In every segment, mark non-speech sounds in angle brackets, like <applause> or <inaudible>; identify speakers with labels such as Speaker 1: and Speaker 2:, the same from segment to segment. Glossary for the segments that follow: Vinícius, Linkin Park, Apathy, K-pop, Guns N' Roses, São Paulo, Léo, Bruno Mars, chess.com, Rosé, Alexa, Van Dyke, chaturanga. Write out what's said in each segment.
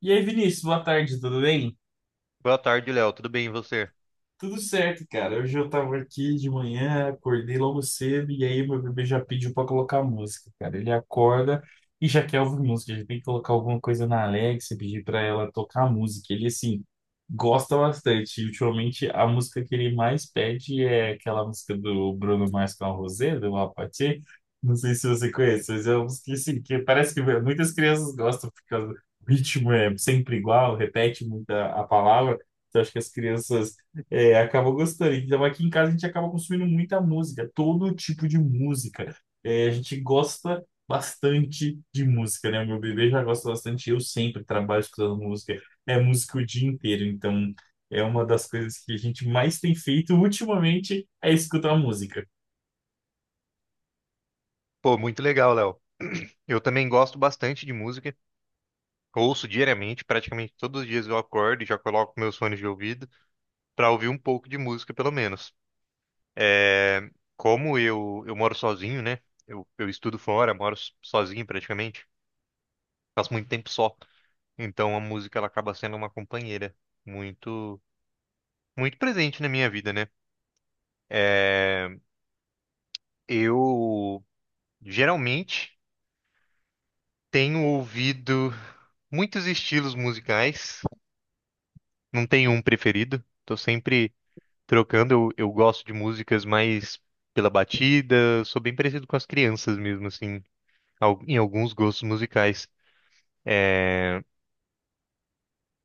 Speaker 1: E aí, Vinícius, boa tarde, tudo bem?
Speaker 2: Boa tarde, Léo. Tudo bem, e você?
Speaker 1: Tudo certo, cara. Hoje eu tava aqui de manhã, acordei logo cedo e aí meu bebê já pediu pra colocar música, cara. Ele acorda e já quer ouvir música, já tem que colocar alguma coisa na Alexa, pedir pra ela tocar música. Ele, assim, gosta bastante. E, ultimamente a música que ele mais pede é aquela música do Bruno Mars com a Rosé, do Apathy. Não sei se você conhece, mas é uma música assim, que parece que muitas crianças gostam por causa do ritmo é sempre igual, repete muita a palavra. Então, acho que as crianças acabou gostando. Então, aqui em casa a gente acaba consumindo muita música, todo tipo de música. É, a gente gosta bastante de música, né? O meu bebê já gosta bastante, eu sempre trabalho escutando música. É música o dia inteiro, então é uma das coisas que a gente mais tem feito <laughs> ultimamente é escutar música.
Speaker 2: Pô, muito legal, Léo. <clears throat> Eu também gosto bastante de música. Ouço diariamente, praticamente todos os dias eu acordo e já coloco meus fones de ouvido para ouvir um pouco de música, pelo menos. É, como eu moro sozinho, né? Eu estudo fora, moro sozinho praticamente. Faço muito tempo só. Então a música ela acaba sendo uma companheira muito, muito presente na minha vida, né? É, eu geralmente tenho ouvido muitos estilos musicais, não tenho um preferido, tô sempre trocando. Eu gosto de músicas mais pela batida, sou bem parecido com as crianças mesmo, assim, em alguns gostos musicais. É,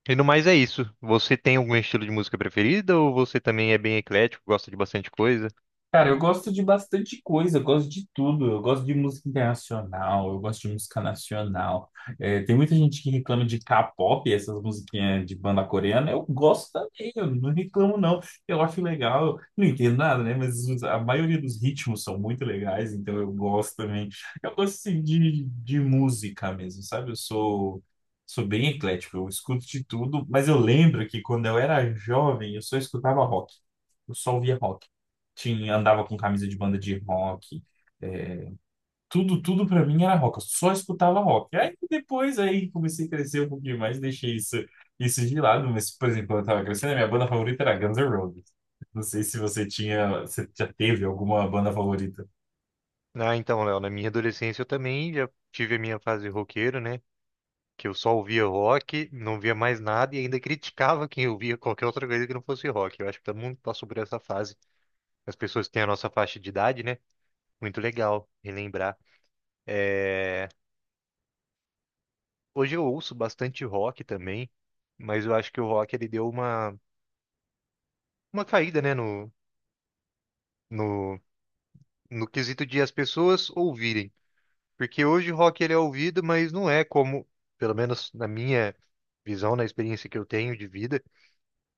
Speaker 2: E no mais é isso. Você tem algum estilo de música preferida ou você também é bem eclético, gosta de bastante coisa?
Speaker 1: Cara, eu gosto de bastante coisa, eu gosto de tudo. Eu gosto de música internacional, eu gosto de música nacional. É, tem muita gente que reclama de K-pop, essas musiquinhas de banda coreana. Eu gosto também, eu não reclamo não. Eu acho legal, não entendo nada, né? Mas a maioria dos ritmos são muito legais, então eu gosto também. Eu gosto assim, de música mesmo, sabe? Eu sou. Sou bem eclético, eu escuto de tudo, mas eu lembro que quando eu era jovem, eu só escutava rock. Eu só ouvia rock tinha, andava com camisa de banda de rock. é, Tudo, tudo para mim era rock. Eu só escutava rock. Aí depois aí comecei a crescer um pouquinho mais, deixei isso de lado. Mas, por exemplo, quando eu tava crescendo, a minha banda favorita era Guns N' Roses. Não sei se você tinha, você já teve alguma banda favorita.
Speaker 2: Ah, então, Léo, na minha adolescência eu também já tive a minha fase roqueiro, né? Que eu só ouvia rock, não via mais nada e ainda criticava quem ouvia qualquer outra coisa que não fosse rock. Eu acho que todo mundo passou por essa fase. As pessoas que têm a nossa faixa de idade, né? Muito legal relembrar. É, hoje eu ouço bastante rock também, mas eu acho que o rock ele deu uma caída, né, no, no quesito de as pessoas ouvirem. Porque hoje o rock ele é ouvido, mas não é como, pelo menos na minha visão, na experiência que eu tenho de vida,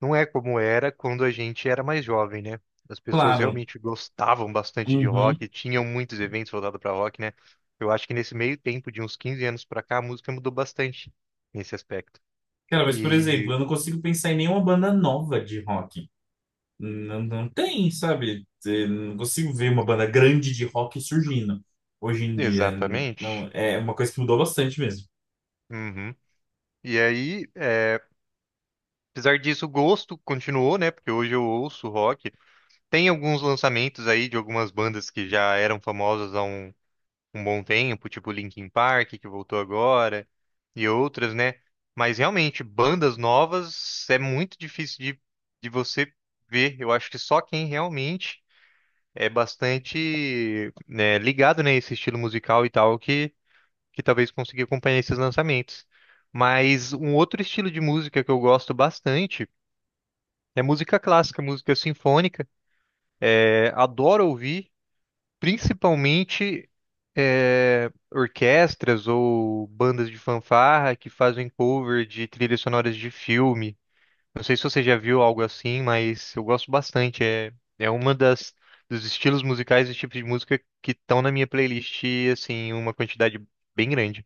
Speaker 2: não é como era quando a gente era mais jovem, né? As pessoas
Speaker 1: Claro.
Speaker 2: realmente gostavam bastante de
Speaker 1: Uhum.
Speaker 2: rock, tinham muitos eventos voltados para rock, né? Eu acho que nesse meio tempo, de uns 15 anos para cá, a música mudou bastante nesse aspecto.
Speaker 1: Cara, mas por exemplo,
Speaker 2: E
Speaker 1: eu não consigo pensar em nenhuma banda nova de rock. Não, não tem, sabe? Não consigo ver uma banda grande de rock surgindo hoje em dia. Não,
Speaker 2: Exatamente.
Speaker 1: é uma coisa que mudou bastante mesmo.
Speaker 2: Uhum. E aí, é, apesar disso, o gosto continuou, né? Porque hoje eu ouço rock. Tem alguns lançamentos aí de algumas bandas que já eram famosas há um bom tempo, tipo Linkin Park, que voltou agora, e outras, né? Mas realmente, bandas novas é muito difícil de você ver. Eu acho que só quem realmente é bastante, né, ligado, né, esse estilo musical e tal, que talvez consiga acompanhar esses lançamentos. Mas um outro estilo de música que eu gosto bastante é música clássica, música sinfônica. É, adoro ouvir. Principalmente é, orquestras ou bandas de fanfarra que fazem cover de trilhas sonoras de filme. Não sei se você já viu algo assim, mas eu gosto bastante. É, é uma das dos estilos musicais e tipos de música que estão na minha playlist, assim, uma quantidade bem grande.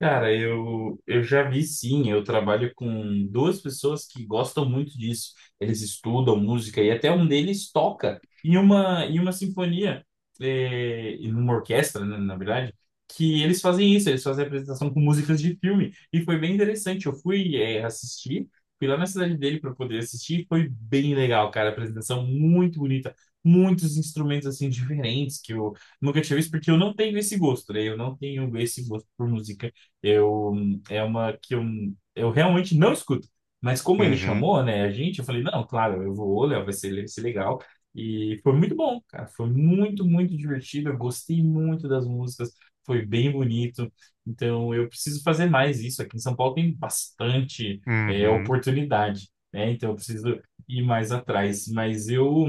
Speaker 1: Cara, eu já vi sim. Eu trabalho com duas pessoas que gostam muito disso. Eles estudam música e até um deles toca em uma sinfonia, em uma orquestra, né, na verdade, que eles fazem isso. Eles fazem apresentação com músicas de filme. E foi bem interessante. Eu fui, assistir, fui lá na cidade dele para poder assistir. E foi bem legal, cara. A apresentação muito bonita. Muitos instrumentos assim diferentes que eu nunca tinha visto, porque eu não tenho esse gosto, né? Eu não tenho esse gosto por música eu, é uma que eu realmente não escuto. Mas como ele
Speaker 2: Uhum,
Speaker 1: chamou, né, a gente, eu falei, não, claro, eu vou, Léo, vai ser legal. E foi muito bom, cara. Foi muito, muito divertido. Eu gostei muito das músicas. Foi bem bonito. Então, eu preciso fazer mais isso. Aqui em São Paulo tem bastante,
Speaker 2: uhum,
Speaker 1: oportunidade, né? Então, eu preciso ir mais atrás. Mas eu...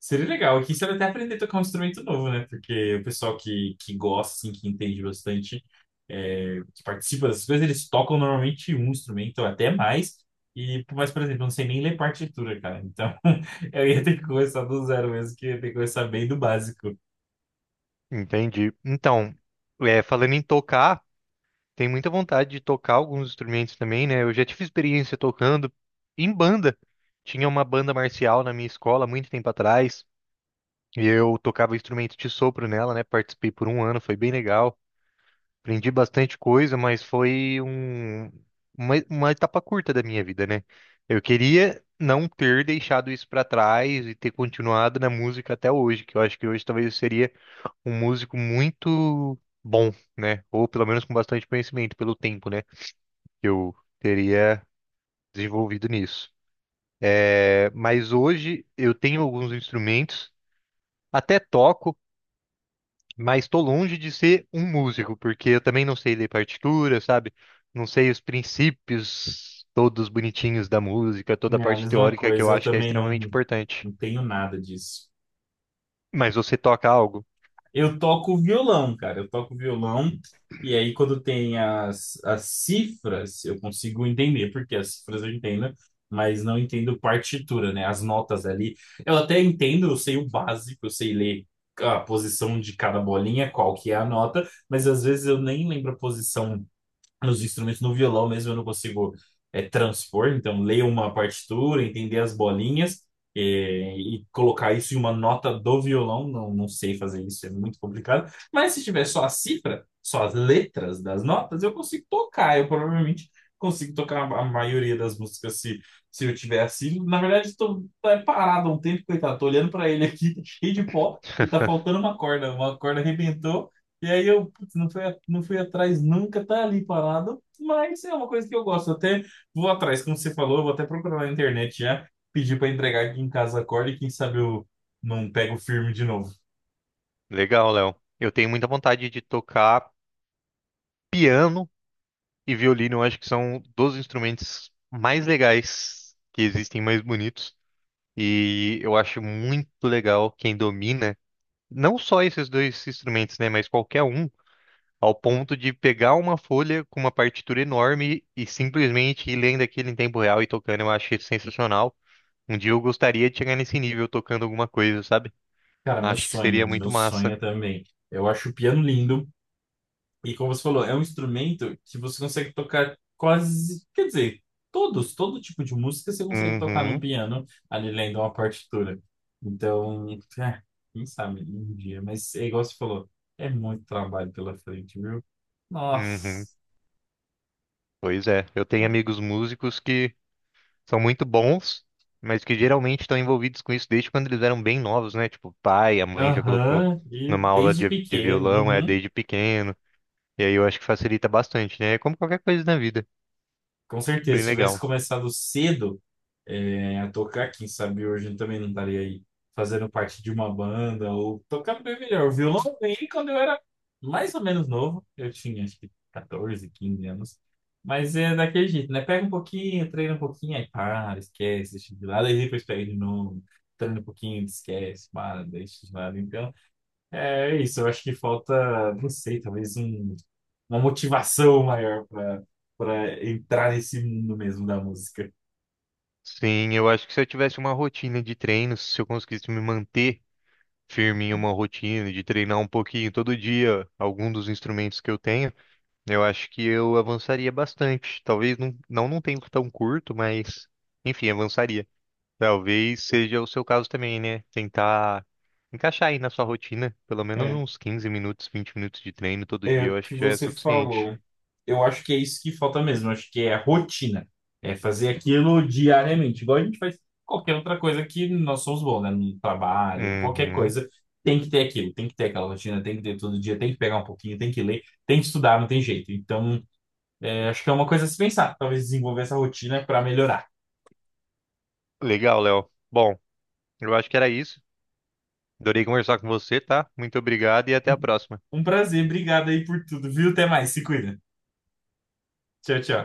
Speaker 1: Seria legal. Aqui você vai até aprender a tocar um instrumento novo, né? Porque o pessoal que gosta, assim, que entende bastante, que participa dessas coisas, eles tocam normalmente um instrumento, ou até mais. E, mas, por exemplo, eu não sei nem ler partitura, cara. Então, <laughs> eu ia ter que começar do zero mesmo, que eu ia ter que começar bem do básico.
Speaker 2: entendi. Então, é, falando em tocar. Tem muita vontade de tocar alguns instrumentos também, né? Eu já tive experiência tocando em banda. Tinha uma banda marcial na minha escola muito tempo atrás, e eu tocava instrumento de sopro nela, né? Participei por um ano, foi bem legal. Aprendi bastante coisa, mas foi uma etapa curta da minha vida, né? Eu queria não ter deixado isso pra trás e ter continuado na música até hoje, que eu acho que hoje talvez eu seria um músico muito bom, né? Ou pelo menos com bastante conhecimento pelo tempo, né? Que eu teria desenvolvido nisso. É, mas hoje eu tenho alguns instrumentos, até toco, mas estou longe de ser um músico, porque eu também não sei ler partitura, sabe? Não sei os princípios todos bonitinhos da música, toda a
Speaker 1: É a
Speaker 2: parte
Speaker 1: mesma
Speaker 2: teórica que eu
Speaker 1: coisa, eu
Speaker 2: acho que é
Speaker 1: também não,
Speaker 2: extremamente importante.
Speaker 1: não tenho nada disso.
Speaker 2: Mas você toca algo?
Speaker 1: Eu toco violão, cara. Eu toco violão. E aí, quando tem as cifras, eu consigo entender, porque as cifras eu entendo, mas não entendo partitura, né? As notas ali. Eu até entendo, eu sei o básico, eu sei ler a posição de cada bolinha, qual que é a nota, mas às vezes eu nem lembro a posição nos instrumentos, no violão mesmo eu não consigo transpor, então ler uma partitura, entender as bolinhas e colocar isso em uma nota do violão, não, não sei fazer isso, é muito complicado, mas se tiver só a cifra, só as letras das notas, eu consigo tocar, eu provavelmente consigo tocar a maioria das músicas se eu tiver assim, na verdade estou parado há um tempo, coitado, tô olhando para ele aqui, <laughs> tá cheio de pó, e tá
Speaker 2: <laughs>
Speaker 1: faltando uma corda arrebentou, e aí eu putz, não fui, não fui atrás nunca, tá ali parado, mas é uma coisa que eu gosto. Eu até vou atrás, como você falou, eu vou até procurar na internet já, pedir para entregar aqui em casa a corda e quem sabe eu não pego firme de novo.
Speaker 2: Legal, Léo. Eu tenho muita vontade de tocar piano e violino. Eu acho que são dos instrumentos mais legais que existem, mais bonitos. E eu acho muito legal quem domina não só esses dois instrumentos, né, mas qualquer um, ao ponto de pegar uma folha com uma partitura enorme e simplesmente ir lendo aquilo em tempo real e tocando. Eu acho isso sensacional. Um dia eu gostaria de chegar nesse nível tocando alguma coisa, sabe?
Speaker 1: Cara,
Speaker 2: Acho que seria muito
Speaker 1: meu
Speaker 2: massa.
Speaker 1: sonho também. Eu acho o piano lindo, e como você falou, é um instrumento que você consegue tocar quase, quer dizer, todos, todo tipo de música você consegue tocar num
Speaker 2: Uhum,
Speaker 1: piano ali lendo uma partitura. Então, é, quem sabe um dia, mas é igual você falou, é muito trabalho pela frente, viu?
Speaker 2: uhum.
Speaker 1: Nossa.
Speaker 2: Pois é, eu tenho amigos músicos que são muito bons, mas que geralmente estão envolvidos com isso desde quando eles eram bem novos, né? Tipo, o pai, a mãe já colocou
Speaker 1: Aham, e
Speaker 2: numa aula
Speaker 1: desde
Speaker 2: de
Speaker 1: pequeno.
Speaker 2: violão, é
Speaker 1: Uhum.
Speaker 2: desde pequeno. E aí eu acho que facilita bastante, né? É como qualquer coisa na vida.
Speaker 1: Com certeza,
Speaker 2: Bem
Speaker 1: se tivesse
Speaker 2: legal.
Speaker 1: começado cedo a tocar, quem sabe hoje eu também não estaria aí fazendo parte de uma banda ou tocando bem melhor. O violão eu ganhei quando eu era mais ou menos novo, eu tinha acho que 14 15 anos. Mas é daquele jeito, né? Pega um pouquinho, treina um pouquinho, aí para, esquece, deixa de lado, aí depois pega de novo, treina um pouquinho, esquece, para, deixa de lado. Então. É isso, eu acho que falta, não sei, talvez uma motivação maior para entrar nesse mundo mesmo da música.
Speaker 2: Sim, eu acho que se eu tivesse uma rotina de treinos, se eu conseguisse me manter firme em uma rotina de treinar um pouquinho todo dia algum dos instrumentos que eu tenho, eu acho que eu avançaria bastante. Talvez não num tempo tão curto, mas enfim, avançaria. Talvez seja o seu caso também, né? Tentar encaixar aí na sua rotina pelo menos
Speaker 1: É,
Speaker 2: uns 15 minutos, 20 minutos de treino todo
Speaker 1: é
Speaker 2: dia,
Speaker 1: o
Speaker 2: eu acho
Speaker 1: que
Speaker 2: que já é
Speaker 1: você
Speaker 2: suficiente.
Speaker 1: falou. Eu acho que é isso que falta mesmo. Eu acho que é a rotina. É fazer aquilo diariamente, igual a gente faz qualquer outra coisa que nós somos bons, né? No trabalho, qualquer
Speaker 2: Uhum.
Speaker 1: coisa. Tem que ter aquilo, tem que ter aquela rotina, tem que ter todo dia, tem que pegar um pouquinho, tem que ler, tem que estudar, não tem jeito. Então, acho que é uma coisa a se pensar. Talvez desenvolver essa rotina para melhorar.
Speaker 2: Legal, Léo. Bom, eu acho que era isso. Adorei conversar com você, tá? Muito obrigado e até a
Speaker 1: Um,
Speaker 2: próxima.
Speaker 1: um prazer, obrigado aí por tudo, viu? Até mais, se cuida. Tchau, tchau.